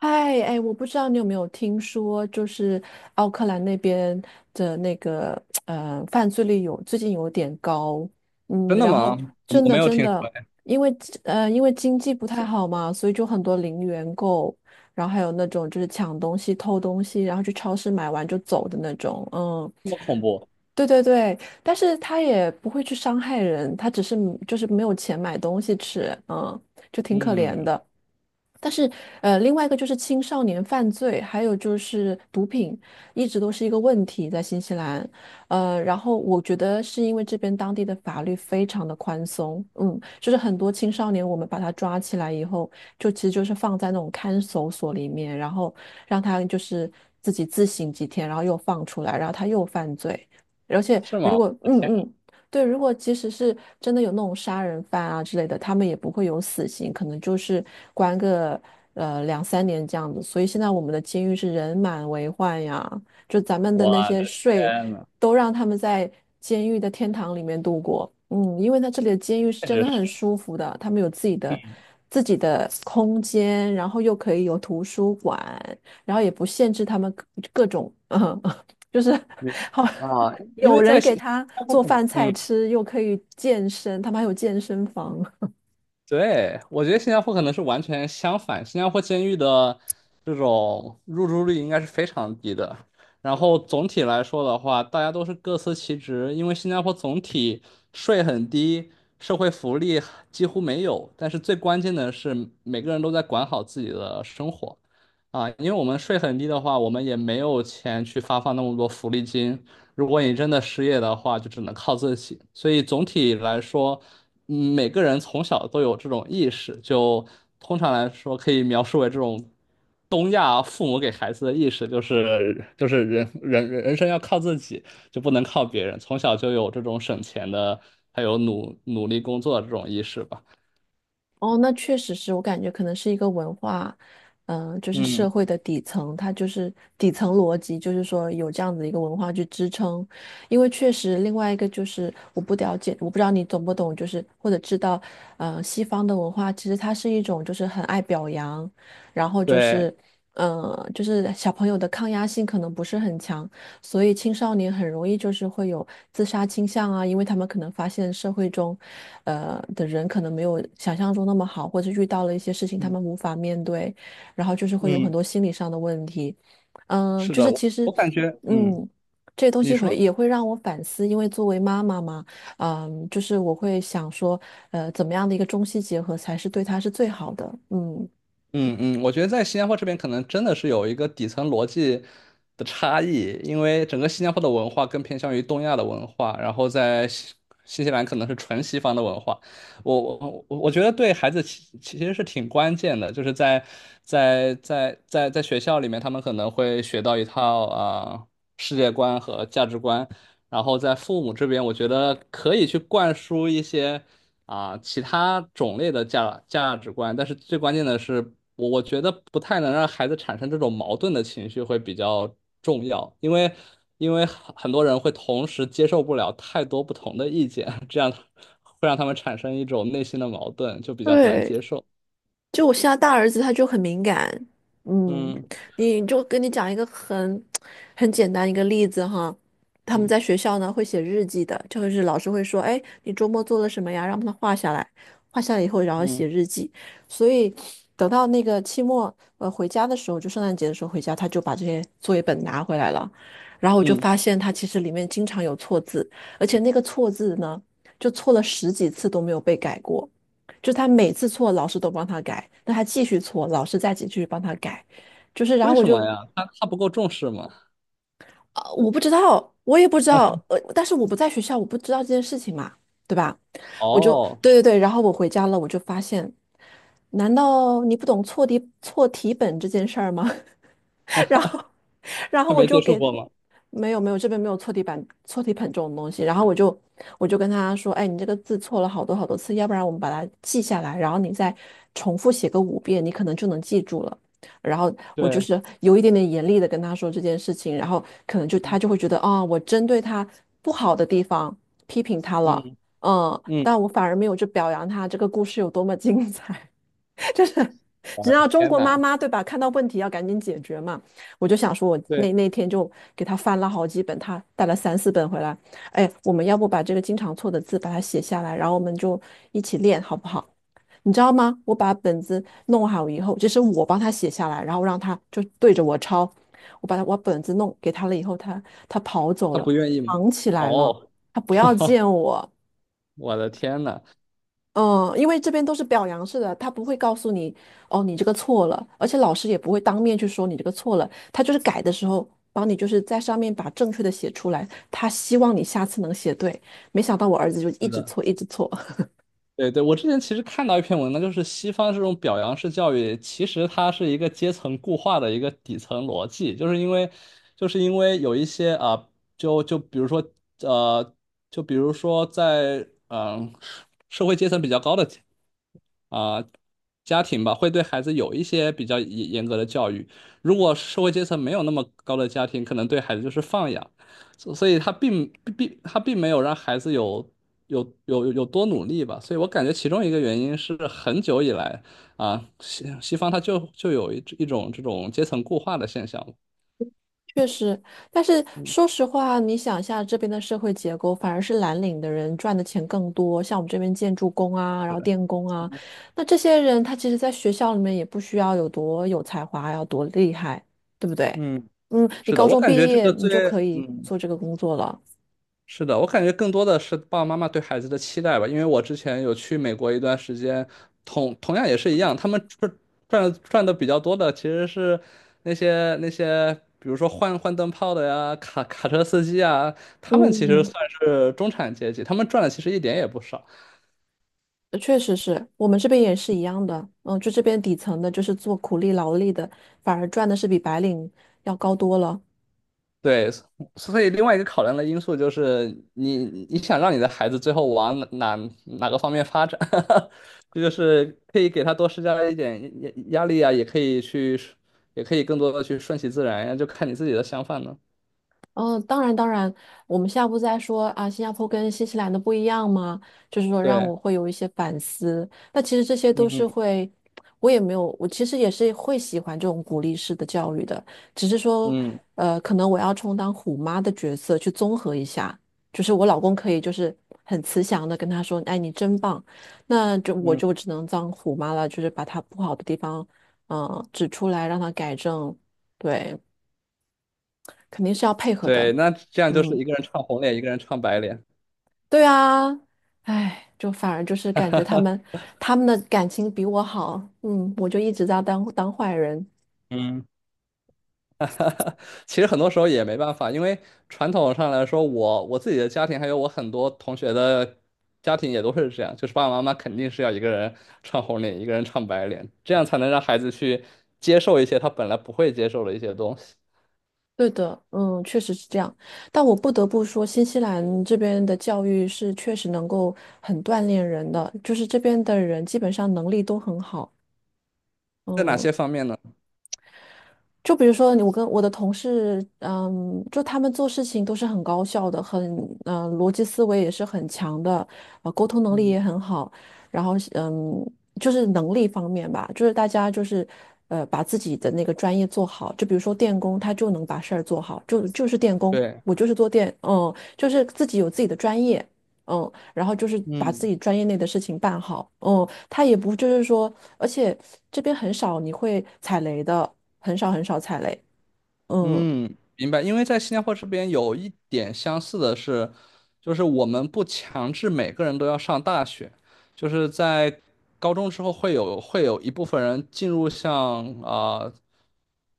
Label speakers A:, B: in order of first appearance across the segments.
A: 哎哎，我不知道你有没有听说，就是奥克兰那边的那个犯罪率最近有点高，
B: 真的
A: 然
B: 吗？
A: 后
B: 我
A: 真
B: 我
A: 的
B: 没有
A: 真
B: 听说，
A: 的。
B: 哎，
A: 因为因为经济不太好嘛，所以就很多零元购，然后还有那种就是抢东西、偷东西，然后去超市买完就走的那种，嗯。
B: 这么恐怖？
A: 对对对，但是他也不会去伤害人，他只是就是没有钱买东西吃，就挺可怜
B: 嗯，
A: 的。但是，另外一个就是青少年犯罪，还有就是毒品，一直都是一个问题在新西兰。然后我觉得是因为这边当地的法律非常的宽松，就是很多青少年我们把他抓起来以后，就其实就是放在那种看守所里面，然后让他就是自己自省几天，然后又放出来，然后他又犯罪。而且
B: 是吗？
A: 如
B: 我
A: 果
B: 的
A: 嗯
B: 天啊，
A: 嗯，对，如果即使是真的有那种杀人犯啊之类的，他们也不会有死刑，可能就是关个2、3年这样子。所以现在我们的监狱是人满为患呀，就咱们的
B: 我
A: 那些
B: 的
A: 税
B: 天呐，
A: 都让他们在监狱的天堂里面度过。嗯，因为他这里的监狱是
B: 确
A: 真
B: 实
A: 的
B: 是，
A: 很舒服的，他们有自己的
B: 嗯，
A: 自己的空间，然后又可以有图书馆，然后也不限制他们各种，就是
B: 明
A: 好。
B: 白啊，因
A: 有
B: 为
A: 人
B: 在
A: 给
B: 新新
A: 他
B: 加坡
A: 做
B: 可能，
A: 饭菜
B: 嗯，
A: 吃，又可以健身，他们还有健身房。
B: 对，我觉得新加坡可能是完全相反，新加坡监狱的这种入住率应该是非常低的。然后总体来说的话，大家都是各司其职，因为新加坡总体税很低，社会福利几乎没有，但是最关键的是每个人都在管好自己的生活啊，因为我们税很低的话，我们也没有钱去发放那么多福利金，如果你真的失业的话，就只能靠自己。所以总体来说，嗯，每个人从小都有这种意识，就通常来说可以描述为这种东亚父母给孩子的意识，就是人生要靠自己，就不能靠别人。从小就有这种省钱的，还有努力工作的这种意识吧。
A: 哦，那确实是我感觉可能是一个文化，就是社
B: 嗯，
A: 会的底层，它就是底层逻辑，就是说有这样子一个文化去支撑。因为确实，另外一个就是我不了解，我不知道你懂不懂，就是或者知道，西方的文化其实它是一种就是很爱表扬，然后就
B: 对，
A: 是。就是小朋友的抗压性可能不是很强，所以青少年很容易就是会有自杀倾向啊，因为他们可能发现社会中的人可能没有想象中那么好，或者遇到了一些事情他
B: 嗯
A: 们无法面对，然后就是会有很
B: 嗯，
A: 多心理上的问题。
B: 是
A: 就
B: 的，
A: 是
B: 我
A: 其实，
B: 我感觉，嗯，
A: 嗯，这些东
B: 你
A: 西
B: 说。
A: 会也会让我反思，因为作为妈妈嘛，就是我会想说，怎么样的一个中西结合才是对他是最好的，嗯。
B: 嗯嗯，我觉得在新加坡这边可能真的是有一个底层逻辑的差异，因为整个新加坡的文化更偏向于东亚的文化，然后在新西兰可能是纯西方的文化。我觉得对孩子其实是挺关键的，就是在学校里面，他们可能会学到一套世界观和价值观，然后在父母这边，我觉得可以去灌输一些。啊，其他种类的价值观，但是最关键的是，我觉得不太能让孩子产生这种矛盾的情绪会比较重要，因为因为很多人会同时接受不了太多不同的意见，这样会让他们产生一种内心的矛盾，就比较难
A: 对，
B: 接受。
A: 就我现在大儿子他就很敏感，嗯，
B: 嗯
A: 你就跟你讲一个很简单一个例子哈。他们
B: 嗯
A: 在学校呢会写日记的，就是老师会说，哎，你周末做了什么呀？让他画下来，画下来以后然后
B: 嗯
A: 写日记，所以等到那个期末回家的时候，就圣诞节的时候回家，他就把这些作业本拿回来了，然后我就
B: 嗯，
A: 发现他其实里面经常有错字，而且那个错字呢，就错了10几次都没有被改过。就他每次错，老师都帮他改，那他继续错，老师再继续帮他改，就是然后
B: 为
A: 我
B: 什么
A: 就
B: 呀？他不够重视吗？
A: 啊，我不知道，我也不知道，但是我不在学校，我不知道这件事情嘛，对吧？我就
B: 哦，
A: 对对对，然后我回家了，我就发现，难道你不懂错题本这件事儿吗？然后，然后
B: 他
A: 我
B: 没
A: 就
B: 接受
A: 给他。
B: 过吗？
A: 没有没有，这边没有错题板、错题本这种东西。然后我就跟他说，哎，你这个字错了好多好多次，要不然我们把它记下来，然后你再重复写个5遍，你可能就能记住了。然后我就
B: 对，
A: 是有一点点严厉的跟他说这件事情，然后可能就
B: 嗯
A: 他就会觉得，啊、我针对他不好的地方批评他了，
B: 嗯嗯，
A: 但我反而没有去表扬他这个故事有多么精彩。就是
B: 我
A: 只
B: 的
A: 要中
B: 天
A: 国妈
B: 哪，
A: 妈对吧，看到问题要赶紧解决嘛。我就想说，我
B: 对，
A: 那天就给他翻了好几本，他带了3、4本回来。哎，我们要不把这个经常错的字把它写下来，然后我们就一起练，好不好？你知道吗？我把本子弄好以后，这是我帮他写下来，然后让他就对着我抄。我把本子弄给他了以后，他跑走
B: 他
A: 了，
B: 不愿意吗？
A: 藏起来了，
B: 哦。
A: 他不要见 我。
B: 我的天呐，
A: 嗯，因为这边都是表扬式的，他不会告诉你哦，你这个错了，而且老师也不会当面去说你这个错了，他就是改的时候帮你就是在上面把正确的写出来，他希望你下次能写对。没想到我儿子就一
B: 是
A: 直
B: 的，
A: 错，一直错。
B: 对对，我之前其实看到一篇文章，就是西方这种表扬式教育，其实它是一个阶层固化的一个底层逻辑，就是因为，就是因为有一些就比如说呃，就比如说在社会阶层比较高的啊、家庭吧，会对孩子有一些比较严格的教育。如果社会阶层没有那么高的家庭，可能对孩子就是放养。所以他并没有让孩子有多努力吧，所以我感觉其中一个原因是很久以来啊，西方它就有一种这种阶层固化的现象。
A: 确实，但是说实话，你想一下这边的社会结构，反而是蓝领的人赚的钱更多，像我们这边建筑工啊，然后电工啊，那这些人他其实在学校里面也不需要有多有才华，要多厉害，对不对？
B: 嗯，
A: 你
B: 是的，
A: 高
B: 我
A: 中
B: 感觉
A: 毕
B: 这
A: 业
B: 个
A: 你就
B: 最
A: 可以
B: 嗯
A: 做这个工作了。
B: 是的，我感觉更多的是爸爸妈妈对孩子的期待吧，因为我之前有去美国一段时间，同样也是一样，他们赚的比较多的其实是那些，比如说换灯泡的呀，卡车司机啊，他们其实
A: 嗯，
B: 算是中产阶级，他们赚的其实一点也不少。
A: 确实是我们这边也是一样的。嗯，就这边底层的，就是做苦力劳力的，反而赚的是比白领要高多了。
B: 对，所以另外一个考量的因素就是你想让你的孩子最后往哪个方面发展，这就是可以给他多施加一点压力啊，也可以去，也可以更多的去顺其自然呀，就看你自己的想法呢。
A: 嗯，当然当然，我们下步再说啊，新加坡跟新西兰的不一样吗？就是说让
B: 对，
A: 我会有一些反思。那其实这些都
B: 嗯
A: 是
B: 嗯
A: 会，我也没有，我其实也是会喜欢这种鼓励式的教育的，只是说，
B: 嗯
A: 可能我要充当虎妈的角色去综合一下，就是我老公可以就是很慈祥的跟他说，哎，你真棒，那就我
B: 嗯，
A: 就只能当虎妈了，就是把他不好的地方，嗯、指出来让他改正，对，肯定是要配合的，
B: 对，那这样就是
A: 嗯。
B: 一个人唱红脸，一个人唱白脸。
A: 对啊，哎，就反而就是感觉他们的感情比我好，我就一直在当坏人。
B: 嗯。其实很多时候也没办法，因为传统上来说，我自己的家庭还有我很多同学的家庭也都是这样，就是爸爸妈妈肯定是要一个人唱红脸，一个人唱白脸，这样才能让孩子去接受一些他本来不会接受的一些东西。
A: 对的，确实是这样。但我不得不说，新西兰这边的教育是确实能够很锻炼人的，就是这边的人基本上能力都很好，
B: 在哪
A: 嗯。
B: 些方面呢？
A: 就比如说你，我跟我的同事，就他们做事情都是很高效的，很，逻辑思维也是很强的，沟通能力
B: 嗯
A: 也很好，然后，就是能力方面吧，就是大家就是，把自己的那个专业做好，就比如说电工，他就能把事儿做好，就是电工。
B: 对。
A: 我就是做电，就是自己有自己的专业，然后就是把自
B: 嗯。
A: 己专业内的事情办好，他也不就是说。而且这边很少你会踩雷的，很少很少踩雷。嗯
B: 嗯，明白。因为在新加坡这边有一点相似的是，就是我们不强制每个人都要上大学，就是在高中之后会有一部分人进入像啊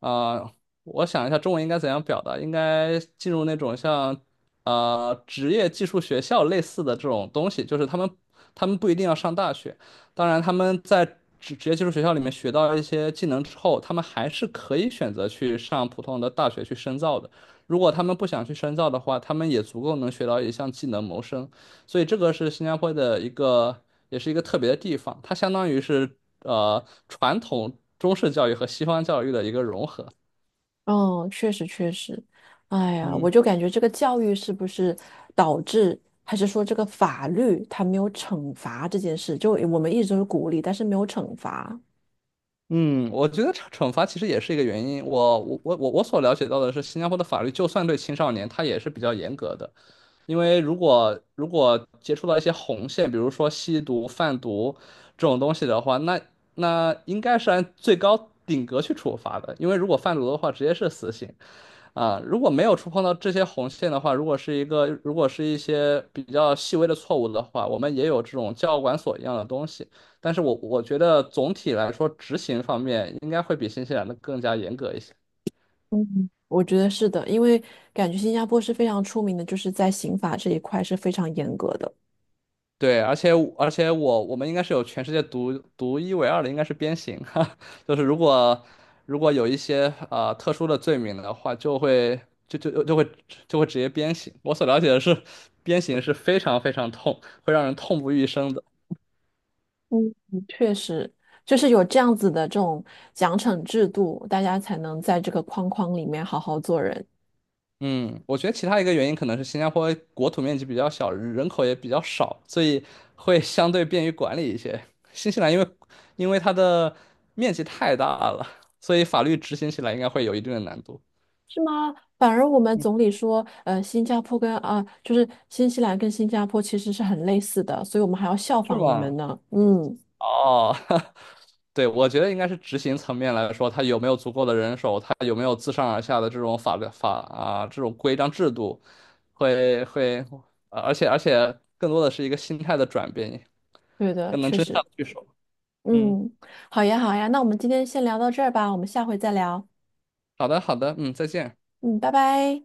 B: 啊、我想一下中文应该怎样表达，应该进入那种像职业技术学校类似的这种东西，就是他们不一定要上大学。当然，他们在职业技术学校里面学到一些技能之后，他们还是可以选择去上普通的大学去深造的。如果他们不想去深造的话，他们也足够能学到一项技能谋生。所以这个是新加坡的一个，也是一个特别的地方，它相当于是传统中式教育和西方教育的一个融合。
A: 嗯，确实确实，哎呀，我
B: 嗯。
A: 就感觉这个教育是不是导致，还是说这个法律它没有惩罚这件事？就我们一直都是鼓励，但是没有惩罚。
B: 嗯，我觉得惩罚其实也是一个原因。我所了解到的是，新加坡的法律就算对青少年，他也是比较严格的。因为如果接触到一些红线，比如说吸毒、贩毒这种东西的话，那那应该是按最高顶格去处罚的。因为如果贩毒的话，直接是死刑；啊，如果没有触碰到这些红线的话，如果是一些比较细微的错误的话，我们也有这种教管所一样的东西。但是我觉得总体来说，执行方面应该会比新西兰的更加严格一些。
A: 嗯，我觉得是的，因为感觉新加坡是非常出名的，就是在刑法这一块是非常严格的。
B: 对，而且我们应该是有全世界独一无二的，应该是鞭刑，哈，就是如果有一些特殊的罪名的话，就会就就就会就会直接鞭刑。我所了解的是，鞭刑是非常非常痛，会让人痛不欲生的。
A: 嗯，确实，就是有这样子的这种奖惩制度，大家才能在这个框框里面好好做人。
B: 嗯，我觉得其他一个原因可能是新加坡国土面积比较小，人口也比较少，所以会相对便于管理一些。新西兰因为它的面积太大了，所以法律执行起来应该会有一定的难度，
A: 是吗？反而我们总理说，新加坡跟啊、就是新西兰跟新加坡其实是很类似的，所以我们还要效
B: 是
A: 仿你们
B: 吗？
A: 呢。嗯，
B: 哦，对，我觉得应该是执行层面来说，它有没有足够的人手，它有没有自上而下的这种法律法啊这种规章制度，会会，啊，而且更多的是一个心态的转变，
A: 对的，
B: 更能
A: 确
B: 真相
A: 实。
B: 得去说。嗯，
A: 嗯，好呀，好呀，那我们今天先聊到这儿吧，我们下回再聊。
B: 好的，好的，嗯，再见。
A: 嗯，拜拜。